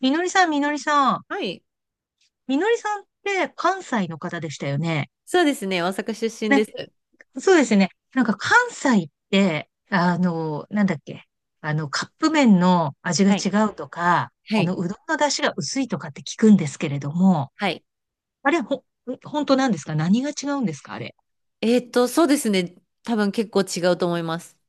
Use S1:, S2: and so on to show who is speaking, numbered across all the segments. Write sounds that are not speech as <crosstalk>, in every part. S1: みのりさん、みのりさん。
S2: はい。
S1: みのりさんって関西の方でしたよね。
S2: そうですね。大阪出身
S1: ね、
S2: です。
S1: そうですね。なんか関西って、なんだっけ。カップ麺の味が
S2: はい。
S1: 違うとか、
S2: はい。
S1: うどんの出汁が薄いとかって聞くんですけれども、
S2: はい。
S1: あれ、ほ、本当なんですか？何が違うんですかあれ？
S2: そうですね。多分結構違うと思います。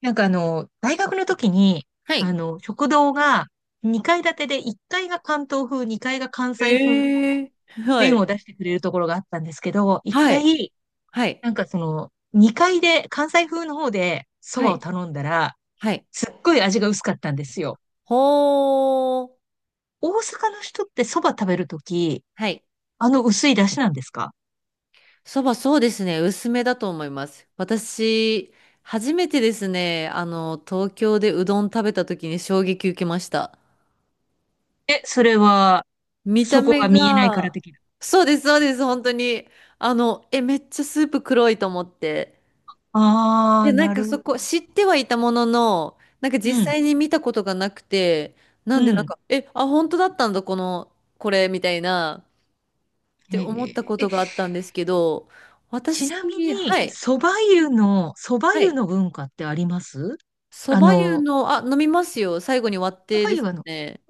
S1: なんか大学の時に、
S2: はい。
S1: 食堂が2階建てで1階が関東風、2階が関西風の
S2: ええ、は
S1: 麺を
S2: い。
S1: 出してくれるところがあったんですけど、1
S2: はい。
S1: 階、
S2: はい。
S1: なんかその、2階で、関西風の方で蕎
S2: は
S1: 麦を
S2: い。
S1: 頼んだら、
S2: はい。
S1: すっごい味が薄かったんですよ。
S2: ほー。
S1: 大阪の人って蕎麦食べるとき、
S2: はい。
S1: あの薄い出汁なんですか？
S2: そうですね。薄めだと思います。私、初めてですね、あの、東京でうどん食べた時に衝撃受けました。
S1: え、それは、
S2: 見た
S1: そこ
S2: 目
S1: が見えないから
S2: が、
S1: 的な。
S2: そうです、そうです、本当に。あの、え、めっちゃスープ黒いと思って。
S1: ああ、
S2: で、な
S1: な
S2: んか
S1: る
S2: そ
S1: ほ
S2: こ、
S1: ど。
S2: 知ってはいたものの、なんか
S1: う
S2: 実
S1: ん、
S2: 際に見たことがなくて、な
S1: う
S2: んでなん
S1: ん。
S2: か、え、あ、本当だったんだ、この、これ、みたいな、って
S1: へ
S2: 思った
S1: え、
S2: こ
S1: え、
S2: とがあったんですけど、
S1: ち
S2: 私、
S1: なみに、
S2: はい、
S1: 蕎麦
S2: は
S1: 湯
S2: い。
S1: の文化ってあります？
S2: そ
S1: あ
S2: ば湯
S1: の、
S2: の、あ、飲みますよ。最後に割っ
S1: 蕎
S2: て
S1: 麦
S2: で
S1: 湯
S2: す
S1: はあの、
S2: ね。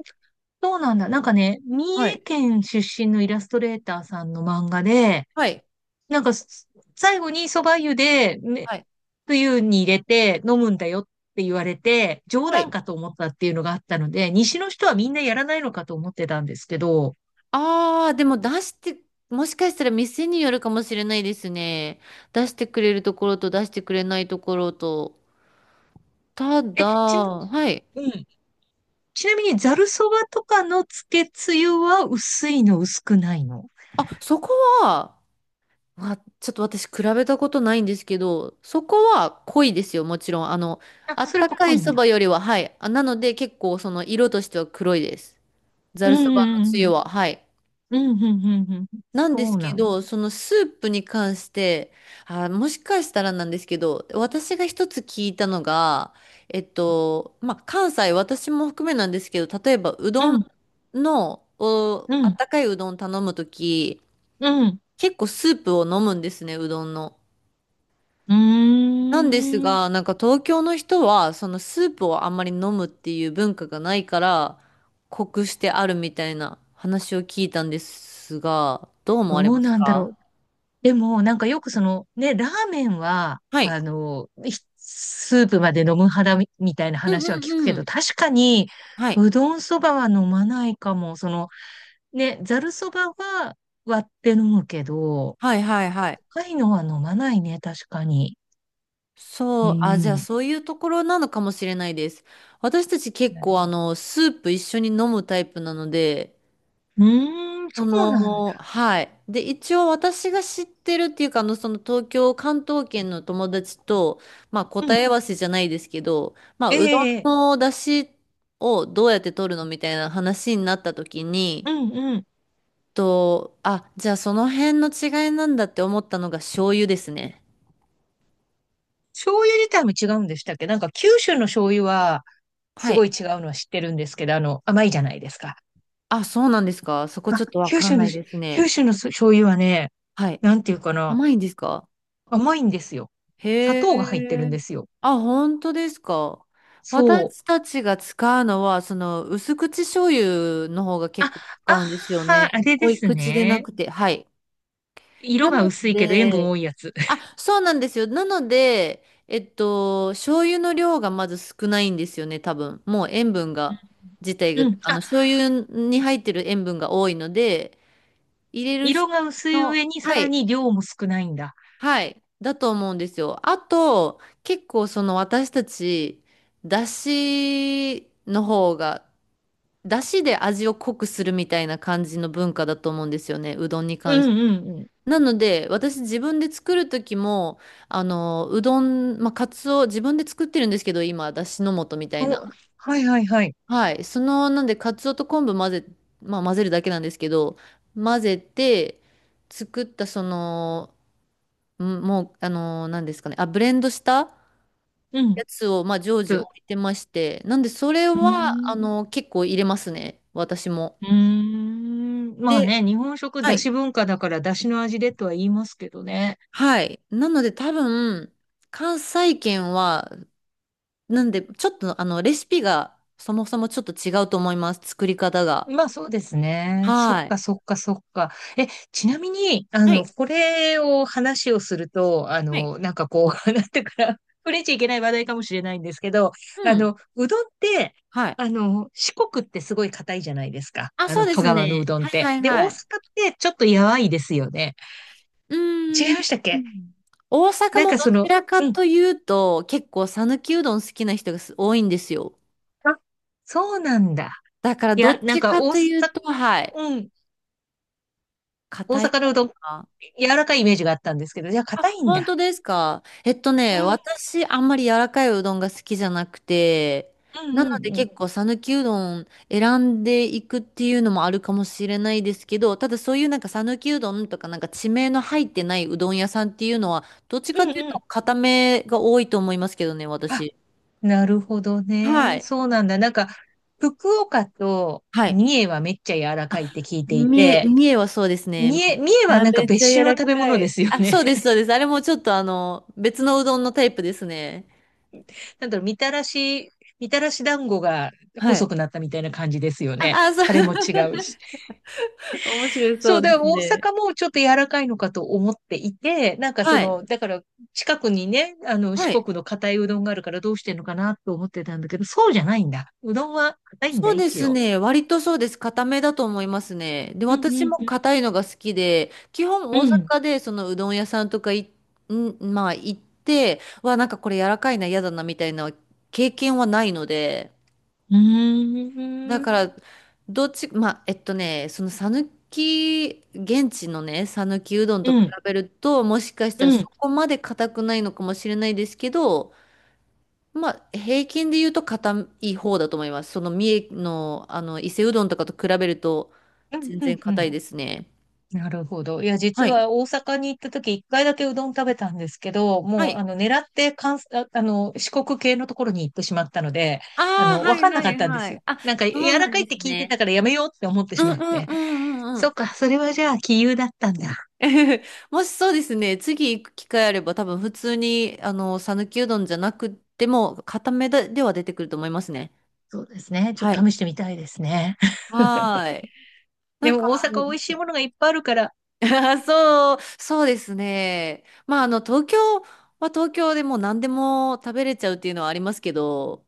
S1: そうなんだ。なんかね、三
S2: は
S1: 重
S2: い、
S1: 県出身のイラストレーターさんの漫画で、
S2: はい、
S1: なんか、す最後に蕎麦湯で、ね、
S2: はい、
S1: 冬に入れて飲むんだよって言われて、冗
S2: は
S1: 談
S2: い。
S1: かと思ったっていうのがあったので、西の人はみんなやらないのかと思ってたんですけど、
S2: でも出して、もしかしたら店によるかもしれないですね。出してくれるところと出してくれないところと。ただ、
S1: え、ちな、
S2: はい。
S1: うん。ちなみに、ざる蕎麦とかのつけつゆは薄いの、薄くないの？
S2: あ、そこは、まあ、ちょっと私比べたことないんですけど、そこは濃いですよ、もちろん。あの、
S1: あ、
S2: あっ
S1: それ
S2: た
S1: は
S2: か
S1: 濃
S2: い
S1: いん
S2: そ
S1: だ。
S2: ばよりは、はい。あ、なので結構その色としては黒いです。ざ
S1: う
S2: るそばのつ
S1: ん、う
S2: ゆ
S1: ん、
S2: は、はい。
S1: うん、うん、うん、うん、うん。
S2: なん
S1: そ
S2: です
S1: う
S2: け
S1: なの。
S2: ど、そのスープに関して、あ、もしかしたらなんですけど、私が一つ聞いたのが、えっと、まあ、関西、私も含めなんですけど、例えばう
S1: う
S2: どん
S1: ん、
S2: の、お、
S1: う
S2: あっ
S1: ん、
S2: たかいうどん頼むとき、
S1: うん。
S2: 結構スープを飲むんですね、うどんの。
S1: う
S2: なんです
S1: ーん。
S2: が、なんか東京の人は、そのスープをあんまり飲むっていう文化がないから、濃くしてあるみたいな話を聞いたんですが、どう思
S1: ど
S2: われ
S1: う
S2: ます
S1: なんだろ
S2: か？
S1: う。でも、なんかよくその、ね、ラーメンは、
S2: はい。
S1: スープまで飲む派だみたいな
S2: うんう
S1: 話は聞く
S2: ん
S1: け
S2: う
S1: ど、
S2: ん。
S1: 確かに、
S2: はい。
S1: うどんそばは飲まないかも。その、ね、ざるそばは割って飲むけど、
S2: はいはいはい。
S1: 高いのは飲まないね、確かに。う
S2: そう、あ、じゃあ
S1: ん。
S2: そういうところなのかもしれないです。私たち結
S1: なる
S2: 構あ
S1: ほ
S2: の、スープ一緒に飲むタイプなので、
S1: どうーん、
S2: そ
S1: そうなん
S2: の、
S1: だ。
S2: はい。で、一応私が知ってるっていうか、あの、その東京、関東圏の友達と、まあ、
S1: う
S2: 答
S1: ん。
S2: え合わせじゃないですけど、まあ、うどん
S1: ええ、
S2: の出汁をどうやって取るのみたいな話になった時に、
S1: うんうん。
S2: と、あ、じゃあその辺の違いなんだって思ったのが醤油ですね。
S1: 醤油自体も違うんでしたっけ？なんか九州の醤油はす
S2: は
S1: ごい
S2: い。
S1: 違うのは知ってるんですけど、あの、甘いじゃないですか。
S2: あ、そうなんですか。そこちょ
S1: あ、
S2: っとわかんないです
S1: 九
S2: ね。
S1: 州の醤油はね、
S2: はい。
S1: なんていうかな、
S2: 甘いんですか？
S1: 甘いんですよ。砂
S2: へ
S1: 糖が入ってるん
S2: え。
S1: ですよ。
S2: あ、本当ですか。
S1: そう。
S2: 私たちが使うのは、その、薄口醤油の方が
S1: あ、
S2: 結構
S1: あ
S2: 使うんですよ
S1: ー、あ
S2: ね。
S1: れで
S2: 濃い
S1: す
S2: 口でな
S1: ね。
S2: くて。はい。
S1: 色
S2: な
S1: が
S2: の
S1: 薄いけど塩分多
S2: で、
S1: いやつ。
S2: あ、
S1: <laughs>
S2: そうなんですよ。なので、えっと、醤油の量がまず少ないんですよね、多分。もう塩分が、自体
S1: う
S2: が、
S1: ん。
S2: あ
S1: あ、
S2: の、醤油に入ってる塩分が多いので、入れる
S1: 色
S2: 人
S1: が薄い
S2: の、
S1: 上にさ
S2: は
S1: ら
S2: い。
S1: に量も少ないんだ。
S2: はい。だと思うんですよ。あと、結構その私たち、だしの方が、だしで味を濃くするみたいな感じの文化だと思うんですよね。うどんに
S1: うん
S2: 関し
S1: うん
S2: て。
S1: うん。
S2: なので、私自分で作る時も、あの、うどん、まあ、カツオ、自分で作ってるんですけど、今、だしの素みたいな。
S1: お、はいはいはい。
S2: はい。その、なんで、カツオと昆布混ぜ、まあ、混ぜるだけなんですけど、混ぜて、作ったその、うん、もう、あのー、何ですかね。あ、ブレンドした
S1: うん。
S2: やつを、まあ、常時置
S1: つ、
S2: いてまして。なんで、それ
S1: うー
S2: は、あ
S1: ん。
S2: のー、結構入れますね。私も。
S1: うーん。まあ
S2: で、
S1: ね、日本食
S2: は
S1: だ
S2: い。
S1: し文化だからだしの味でとは言いますけどね。
S2: はい。なので、多分、関西圏は、なんで、ちょっと、あの、レシピが、そもそもちょっと違うと思います。作り方が。
S1: まあそうですね。そっ
S2: はい。
S1: かそっかそっか。え、ちなみに、
S2: はい。
S1: これを話をすると、
S2: はい。
S1: なんかこう、<laughs> なんていうかな、触れちゃいけない話題かもしれないんですけど、
S2: うん。
S1: うどんって、
S2: はい。
S1: 四国ってすごい硬いじゃないですか。
S2: あ、
S1: あ
S2: そう
S1: の、
S2: で
S1: 香
S2: す
S1: 川のう
S2: ね。
S1: どんっ
S2: はい
S1: て。
S2: はい
S1: で、大阪
S2: は
S1: っ
S2: い。
S1: てちょっとやわいですよね。
S2: う
S1: 違
S2: ー
S1: い
S2: ん。
S1: ましたっけ？
S2: 大阪
S1: なん
S2: も
S1: か
S2: ど
S1: そ
S2: ち
S1: の、
S2: らか
S1: うん。
S2: というと、結構讃岐うどん好きな人がす多いんですよ。
S1: あ、そうなんだ。
S2: だから
S1: い
S2: ど
S1: や、
S2: っ
S1: なん
S2: ち
S1: か
S2: かというと、はい、
S1: うん。大
S2: 硬い
S1: 阪の
S2: 方
S1: うどん、
S2: が。
S1: 柔らかいイメージがあったんですけど、じゃあ
S2: あ、
S1: 硬いん
S2: 本
S1: だ。
S2: 当ですか。えっとね、私、あんまり柔らかいうどんが好きじゃなくて、
S1: うん
S2: なの
S1: うん
S2: で
S1: うん。
S2: 結構讃岐うどん選んでいくっていうのもあるかもしれないですけど、ただそういうなんか讃岐うどんとかなんか地名の入ってないうどん屋さんっていうのは、どっち
S1: う
S2: か
S1: ん
S2: という
S1: う
S2: と
S1: ん。
S2: 硬めが多いと思いますけどね、
S1: あ、
S2: 私。
S1: なるほど
S2: は
S1: ね。
S2: い。
S1: そうなんだ。なんか、福岡と
S2: はい。
S1: 三重はめっちゃ柔ら
S2: あ、
S1: かいって聞いていて、
S2: 三重はそうですね。もう
S1: 三
S2: め
S1: 重
S2: ち
S1: は
S2: ゃ
S1: なんか
S2: めちゃ
S1: 別種
S2: 柔
S1: の
S2: ら
S1: 食べ
S2: か
S1: 物で
S2: い。
S1: すよ
S2: あ、
S1: ね。
S2: そうです、そうです。あれもちょっとあの、別のうどんのタイプですね。
S1: <laughs> なんだろう、みたらし団子が
S2: はい。
S1: 細くなったみたいな感じですよ
S2: あ、
S1: ね。
S2: あ、そう、
S1: タレも違
S2: <laughs>
S1: うし。
S2: 面白い、そ
S1: そう、
S2: う
S1: だ
S2: で
S1: から
S2: す
S1: 大
S2: ね。
S1: 阪もちょっと柔らかいのかと思っていて、なんかそ
S2: は
S1: の、
S2: い。
S1: だから近くにね、あの
S2: は
S1: 四
S2: い。
S1: 国の硬いうどんがあるからどうしてんのかなと思ってたんだけど、そうじゃないんだ。うどんは硬いんだ、
S2: そうで
S1: 一
S2: す
S1: 応。
S2: ね。割とそうです。固めだと思いますね。で、
S1: うん、
S2: 私も
S1: うん、
S2: 硬いのが好きで、基本
S1: う
S2: 大
S1: ん。
S2: 阪でそのうどん屋さんとかい、ん、まあ行って、わ、なんかこれ柔らかいな、嫌だな、みたいな経験はないので、
S1: う
S2: だ
S1: ーん。
S2: から、どっち、まあ、えっとね、その讃岐、現地のね、讃岐うどん
S1: う
S2: と
S1: ん、
S2: 比
S1: うん、
S2: べると、もしかし
S1: う
S2: たら
S1: ん、
S2: そ
S1: う
S2: こまで硬くないのかもしれないですけど、まあ、平均で言うと硬い方だと思います。その三重の、あの、伊勢うどんとかと比べると、
S1: ん。
S2: 全
S1: う
S2: 然硬
S1: ん
S2: いですね。
S1: なるほど。いや、実
S2: はい。
S1: は大阪に行った時、一回だけうどん食べたんですけど、
S2: は
S1: もう、
S2: い。
S1: あの、狙って関西、ああの、四国系のところに行ってしまったので、
S2: あ
S1: あ
S2: あ、
S1: の、
S2: は
S1: わか
S2: い
S1: んな
S2: は
S1: かっ
S2: い
S1: たんで
S2: は
S1: すよ。
S2: い。あ、
S1: なんか、
S2: そう
S1: 柔ら
S2: なん
S1: かいっ
S2: で
S1: て
S2: す
S1: 聞いて
S2: ね。
S1: たからやめようって思って
S2: う
S1: し
S2: ん
S1: まっ
S2: うん
S1: て。
S2: うんうんう
S1: そ
S2: ん。
S1: っか、それはじゃあ、杞憂だったんだ。
S2: <laughs> もしそうですね、次行く機会あれば多分普通に、あの、讃岐うどんじゃなくても、固めででは出てくると思いますね。
S1: そうですね。ちょっ
S2: は
S1: と
S2: い。
S1: 試してみたいですね。
S2: は
S1: <laughs>
S2: ーい。な
S1: で
S2: んか、
S1: も、大阪美味しいものがいっぱいあるから、
S2: あそう、そうですね。まあ、あの、東京は東京でもう何でも食べれちゃうっていうのはありますけど、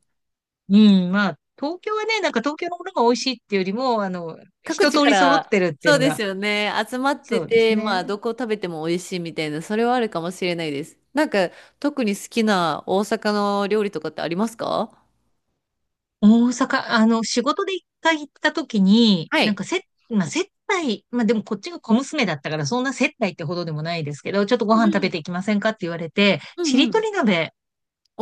S1: うん、まあ、東京はね、なんか東京のものが美味しいっていうよりも、あの、
S2: 各
S1: 一
S2: 地
S1: 通
S2: か
S1: り揃っ
S2: ら、
S1: てるってい
S2: そ
S1: う
S2: う
S1: の
S2: です
S1: が、
S2: よね、集まって
S1: そうです
S2: て、
S1: ね。
S2: まあ、どこ食べても美味しいみたいな、それはあるかもしれないです。なんか、特に好きな大阪の料理とかってありますか？
S1: 大阪、あの、仕事で一回行った時に、
S2: は
S1: なん
S2: い。
S1: かせ、まあ、接待、まあでもこっちが小娘だったから、そんな接待ってほどでもないですけど、ちょっとご
S2: うん
S1: 飯食
S2: う
S1: べ
S2: ん。
S1: ていきませんかって言われて、
S2: う
S1: ち
S2: んう
S1: りと
S2: ん。
S1: り鍋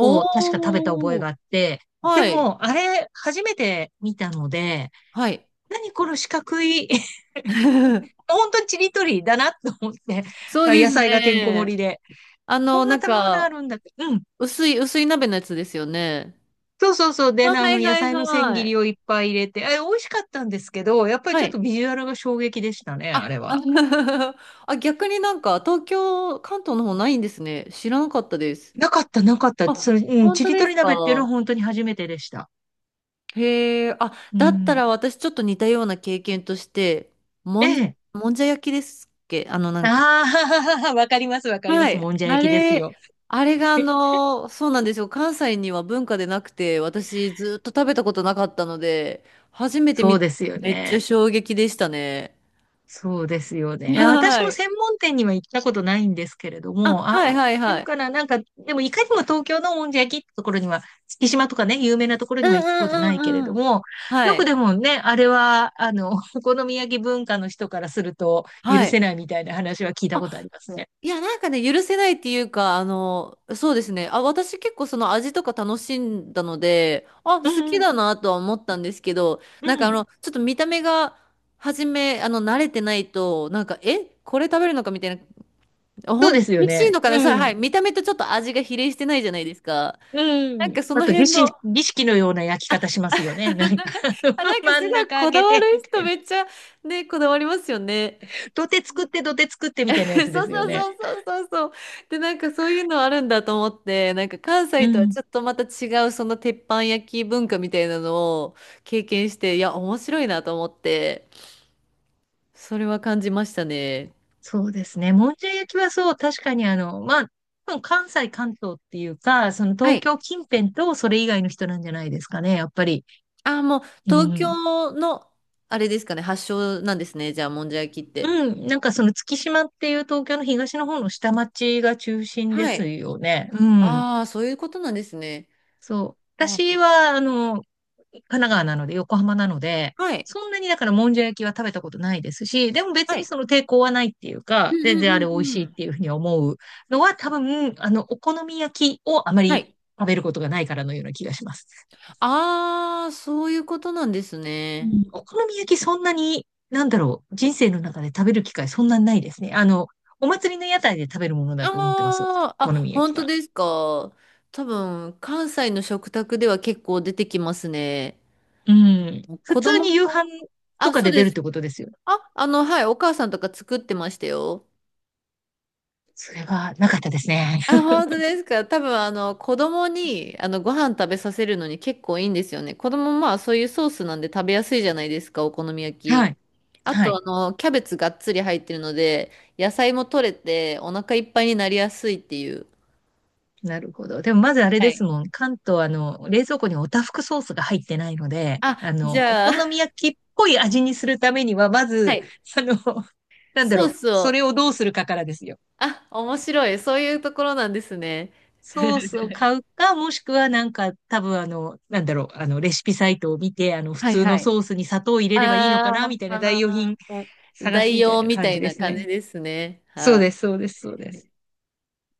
S1: を確か食べた覚え
S2: ー。
S1: があって、で
S2: はい。
S1: も、あれ、初めて見たので、
S2: はい。
S1: 何この四角い、<laughs>
S2: <laughs>
S1: 本当にちりとりだなと思って、
S2: そうで
S1: 野
S2: す
S1: 菜がてんこ盛り
S2: ね。
S1: で。
S2: あ
S1: こ
S2: の、
S1: んな
S2: なん
S1: 食べ物あ
S2: か、
S1: るんだって。うん。
S2: 薄い鍋のやつですよね。
S1: そうそうそう。で、
S2: あ、
S1: あ
S2: は
S1: の、
S2: い
S1: 野
S2: はい
S1: 菜の千
S2: は
S1: 切り
S2: い。
S1: をいっぱい入れて、え、美味しかったんですけど、やっぱり
S2: は
S1: ちょっと
S2: い。
S1: ビジュアルが衝撃でしたね、あ
S2: あ、
S1: れ
S2: あ
S1: は。
S2: <laughs>、あ逆になんか、東京、関東の方ないんですね。知らなかったです。
S1: なかった、なかった。それ、
S2: あ、
S1: うん、
S2: 本
S1: ち
S2: 当
S1: り
S2: で
S1: と
S2: す
S1: り鍋っていうのは
S2: か？
S1: 本当に初めてでした。
S2: へえ、あ、
S1: う
S2: だった
S1: ん。
S2: ら私ちょっと似たような経験として、
S1: え
S2: もんじ
S1: え。
S2: もんじゃ焼きですっけ？あの、なんか、
S1: ああ、<laughs> わかります、わかりま
S2: は
S1: す。
S2: い。
S1: もんじゃ
S2: あ
S1: 焼きですよ。
S2: れ、あれがあ
S1: <laughs>
S2: の、そうなんですよ。関西には文化でなくて、私ずっと食べたことなかったので、初めて
S1: そ
S2: 見
S1: う
S2: た。
S1: ですよ
S2: めっちゃ
S1: ね。
S2: 衝撃でしたね。
S1: そうですよね。いや私
S2: は
S1: も
S2: い。
S1: 専門店には行ったことないんですけれど
S2: あ、
S1: も、あ、
S2: はいはい
S1: あ
S2: は
S1: る
S2: い。
S1: かななんか、でもいかにも東京のもんじゃ焼きってところには、月島とかね、有名なところ
S2: う
S1: に
S2: ん
S1: は行ったことな
S2: うん
S1: いけれ
S2: うん
S1: ど
S2: うん。
S1: も、よ
S2: は
S1: く
S2: い。
S1: でもね、あれは、あの、<laughs> お好み焼き文化の人からすると許
S2: は
S1: せ
S2: い。
S1: ないみたいな話は聞いたことありますね。
S2: いや、なんかね、許せないっていうか、あの、そうですね。あ、私結構その味とか楽しんだので、あ、
S1: う
S2: 好き
S1: ん、
S2: だなとは思ったんですけど、
S1: う
S2: なんかあ
S1: ん。
S2: の、ちょっと見た目が、はじめ、あの、慣れてないと、なんか、え、これ食べるのかみたいな、
S1: そう
S2: 本
S1: で
S2: 当
S1: すよ
S2: 美味しい
S1: ね。
S2: のかね、さ
S1: う
S2: は
S1: ん。
S2: い、見た目とちょっと味が比例してないじゃないですか。
S1: う
S2: なん
S1: ん。
S2: かそ
S1: あ
S2: の
S1: と
S2: 辺の、
S1: 儀式のような焼き方し
S2: <laughs>
S1: ますよね。なんか、<laughs>
S2: あ、
S1: あ
S2: な
S1: の
S2: んか
S1: 真
S2: す
S1: ん
S2: ご
S1: 中
S2: い
S1: 開
S2: こだ
S1: け
S2: わる
S1: て、みた
S2: 人
S1: いな。
S2: めっちゃね、こだわりますよね。
S1: 土手作って
S2: <laughs>
S1: みた
S2: そ
S1: いなやつで
S2: う
S1: すよ
S2: そう
S1: ね。
S2: そうそうそうそう。で、なんかそういうのあるんだと思って、なんか関
S1: う
S2: 西とは
S1: ん。
S2: ちょっとまた違うその鉄板焼き文化みたいなのを経験して、いや、面白いなと思って、それは感じましたね。
S1: そうですね。もんじゃ焼きはそう、確かにあの、まあ、多分関東っていうか、その
S2: は
S1: 東
S2: い。
S1: 京近辺とそれ以外の人なんじゃないですかね、やっぱり。
S2: あ、もう
S1: う
S2: 東
S1: ん。
S2: 京の、あれですかね、発祥なんですね。じゃあ、もんじゃ焼きって。
S1: うん。なんかその月島っていう東京の東の方の下町が中心で
S2: は
S1: す
S2: い。
S1: よね。うん。
S2: ああ、そういうことなんですね。
S1: そう。
S2: あ、
S1: 私は、あの、神奈川なので、横浜なので、
S2: はい。
S1: そんなにだからもんじゃ焼きは食べたことないですし、でも別
S2: は
S1: に
S2: い。
S1: その抵抗はないっていう
S2: う
S1: か、
S2: ん
S1: 全
S2: う
S1: 然あ
S2: ん
S1: れ美味
S2: うん
S1: し
S2: う
S1: いっ
S2: ん。
S1: ていうふうに思うのは多分、あの、お好み焼きをあま
S2: は
S1: り
S2: い。
S1: 食べることがないからのような気がします。
S2: ああ、そういうことなんです
S1: う
S2: ね。
S1: ん。お好み焼きそんなに、なんだろう、人生の中で食べる機会そんなにないですね。あの、お祭りの屋台で食べるものだと思ってます。お
S2: ああ、あ、
S1: 好み焼
S2: 本
S1: き
S2: 当
S1: は。
S2: ですか。多分、関西の食卓では結構出てきますね。
S1: うん。普
S2: 子
S1: 通
S2: 供が、
S1: に夕飯と
S2: あ、
S1: か
S2: そう
S1: で出
S2: で
S1: るっ
S2: す。
S1: てことですよ。
S2: あ、あの、はい、お母さんとか作ってましたよ。
S1: それはなかったですね。
S2: あ、本当ですか。多分、あの、子供に、あの、ご飯食べさせるのに結構いいんですよね。子供、まあ、そういうソースなんで食べやすいじゃないですか、お好み焼
S1: は
S2: き。
S1: い。
S2: あ
S1: は
S2: と、
S1: い。
S2: あの、キャベツがっつり入ってるので、野菜も取れて、お腹いっぱいになりやすいっていう。
S1: なるほど。でもまずあれ
S2: は
S1: で
S2: い。
S1: すもん。関東、あの、冷蔵庫におたふくソースが入ってないので、
S2: あ、
S1: あの、
S2: じ
S1: お
S2: ゃあ、
S1: 好み
S2: <laughs>
S1: 焼きっぽい味にするためには、ま
S2: は
S1: ず、
S2: い。
S1: あの、<laughs> なんだろ
S2: ソー
S1: う、
S2: ス
S1: そ
S2: を
S1: れをどうするかからですよ。
S2: あ、面白い。そういうところなんですね。
S1: ソースを買うか、もしくはなんか、多分あの、なんだろう、あの、レシピサイトを見て、あの、普
S2: はい
S1: 通
S2: は
S1: の
S2: い。
S1: ソースに砂糖を入れればいいの
S2: あ
S1: かな、
S2: ー
S1: みたいな代用
S2: あ
S1: 品
S2: ー、
S1: 探す
S2: 代
S1: みたい
S2: 用
S1: な
S2: み
S1: 感
S2: た
S1: じ
S2: い
S1: で
S2: な
S1: す
S2: 感
S1: ね。
S2: じですね。
S1: そう
S2: は
S1: です、そうです、そうです。
S2: い。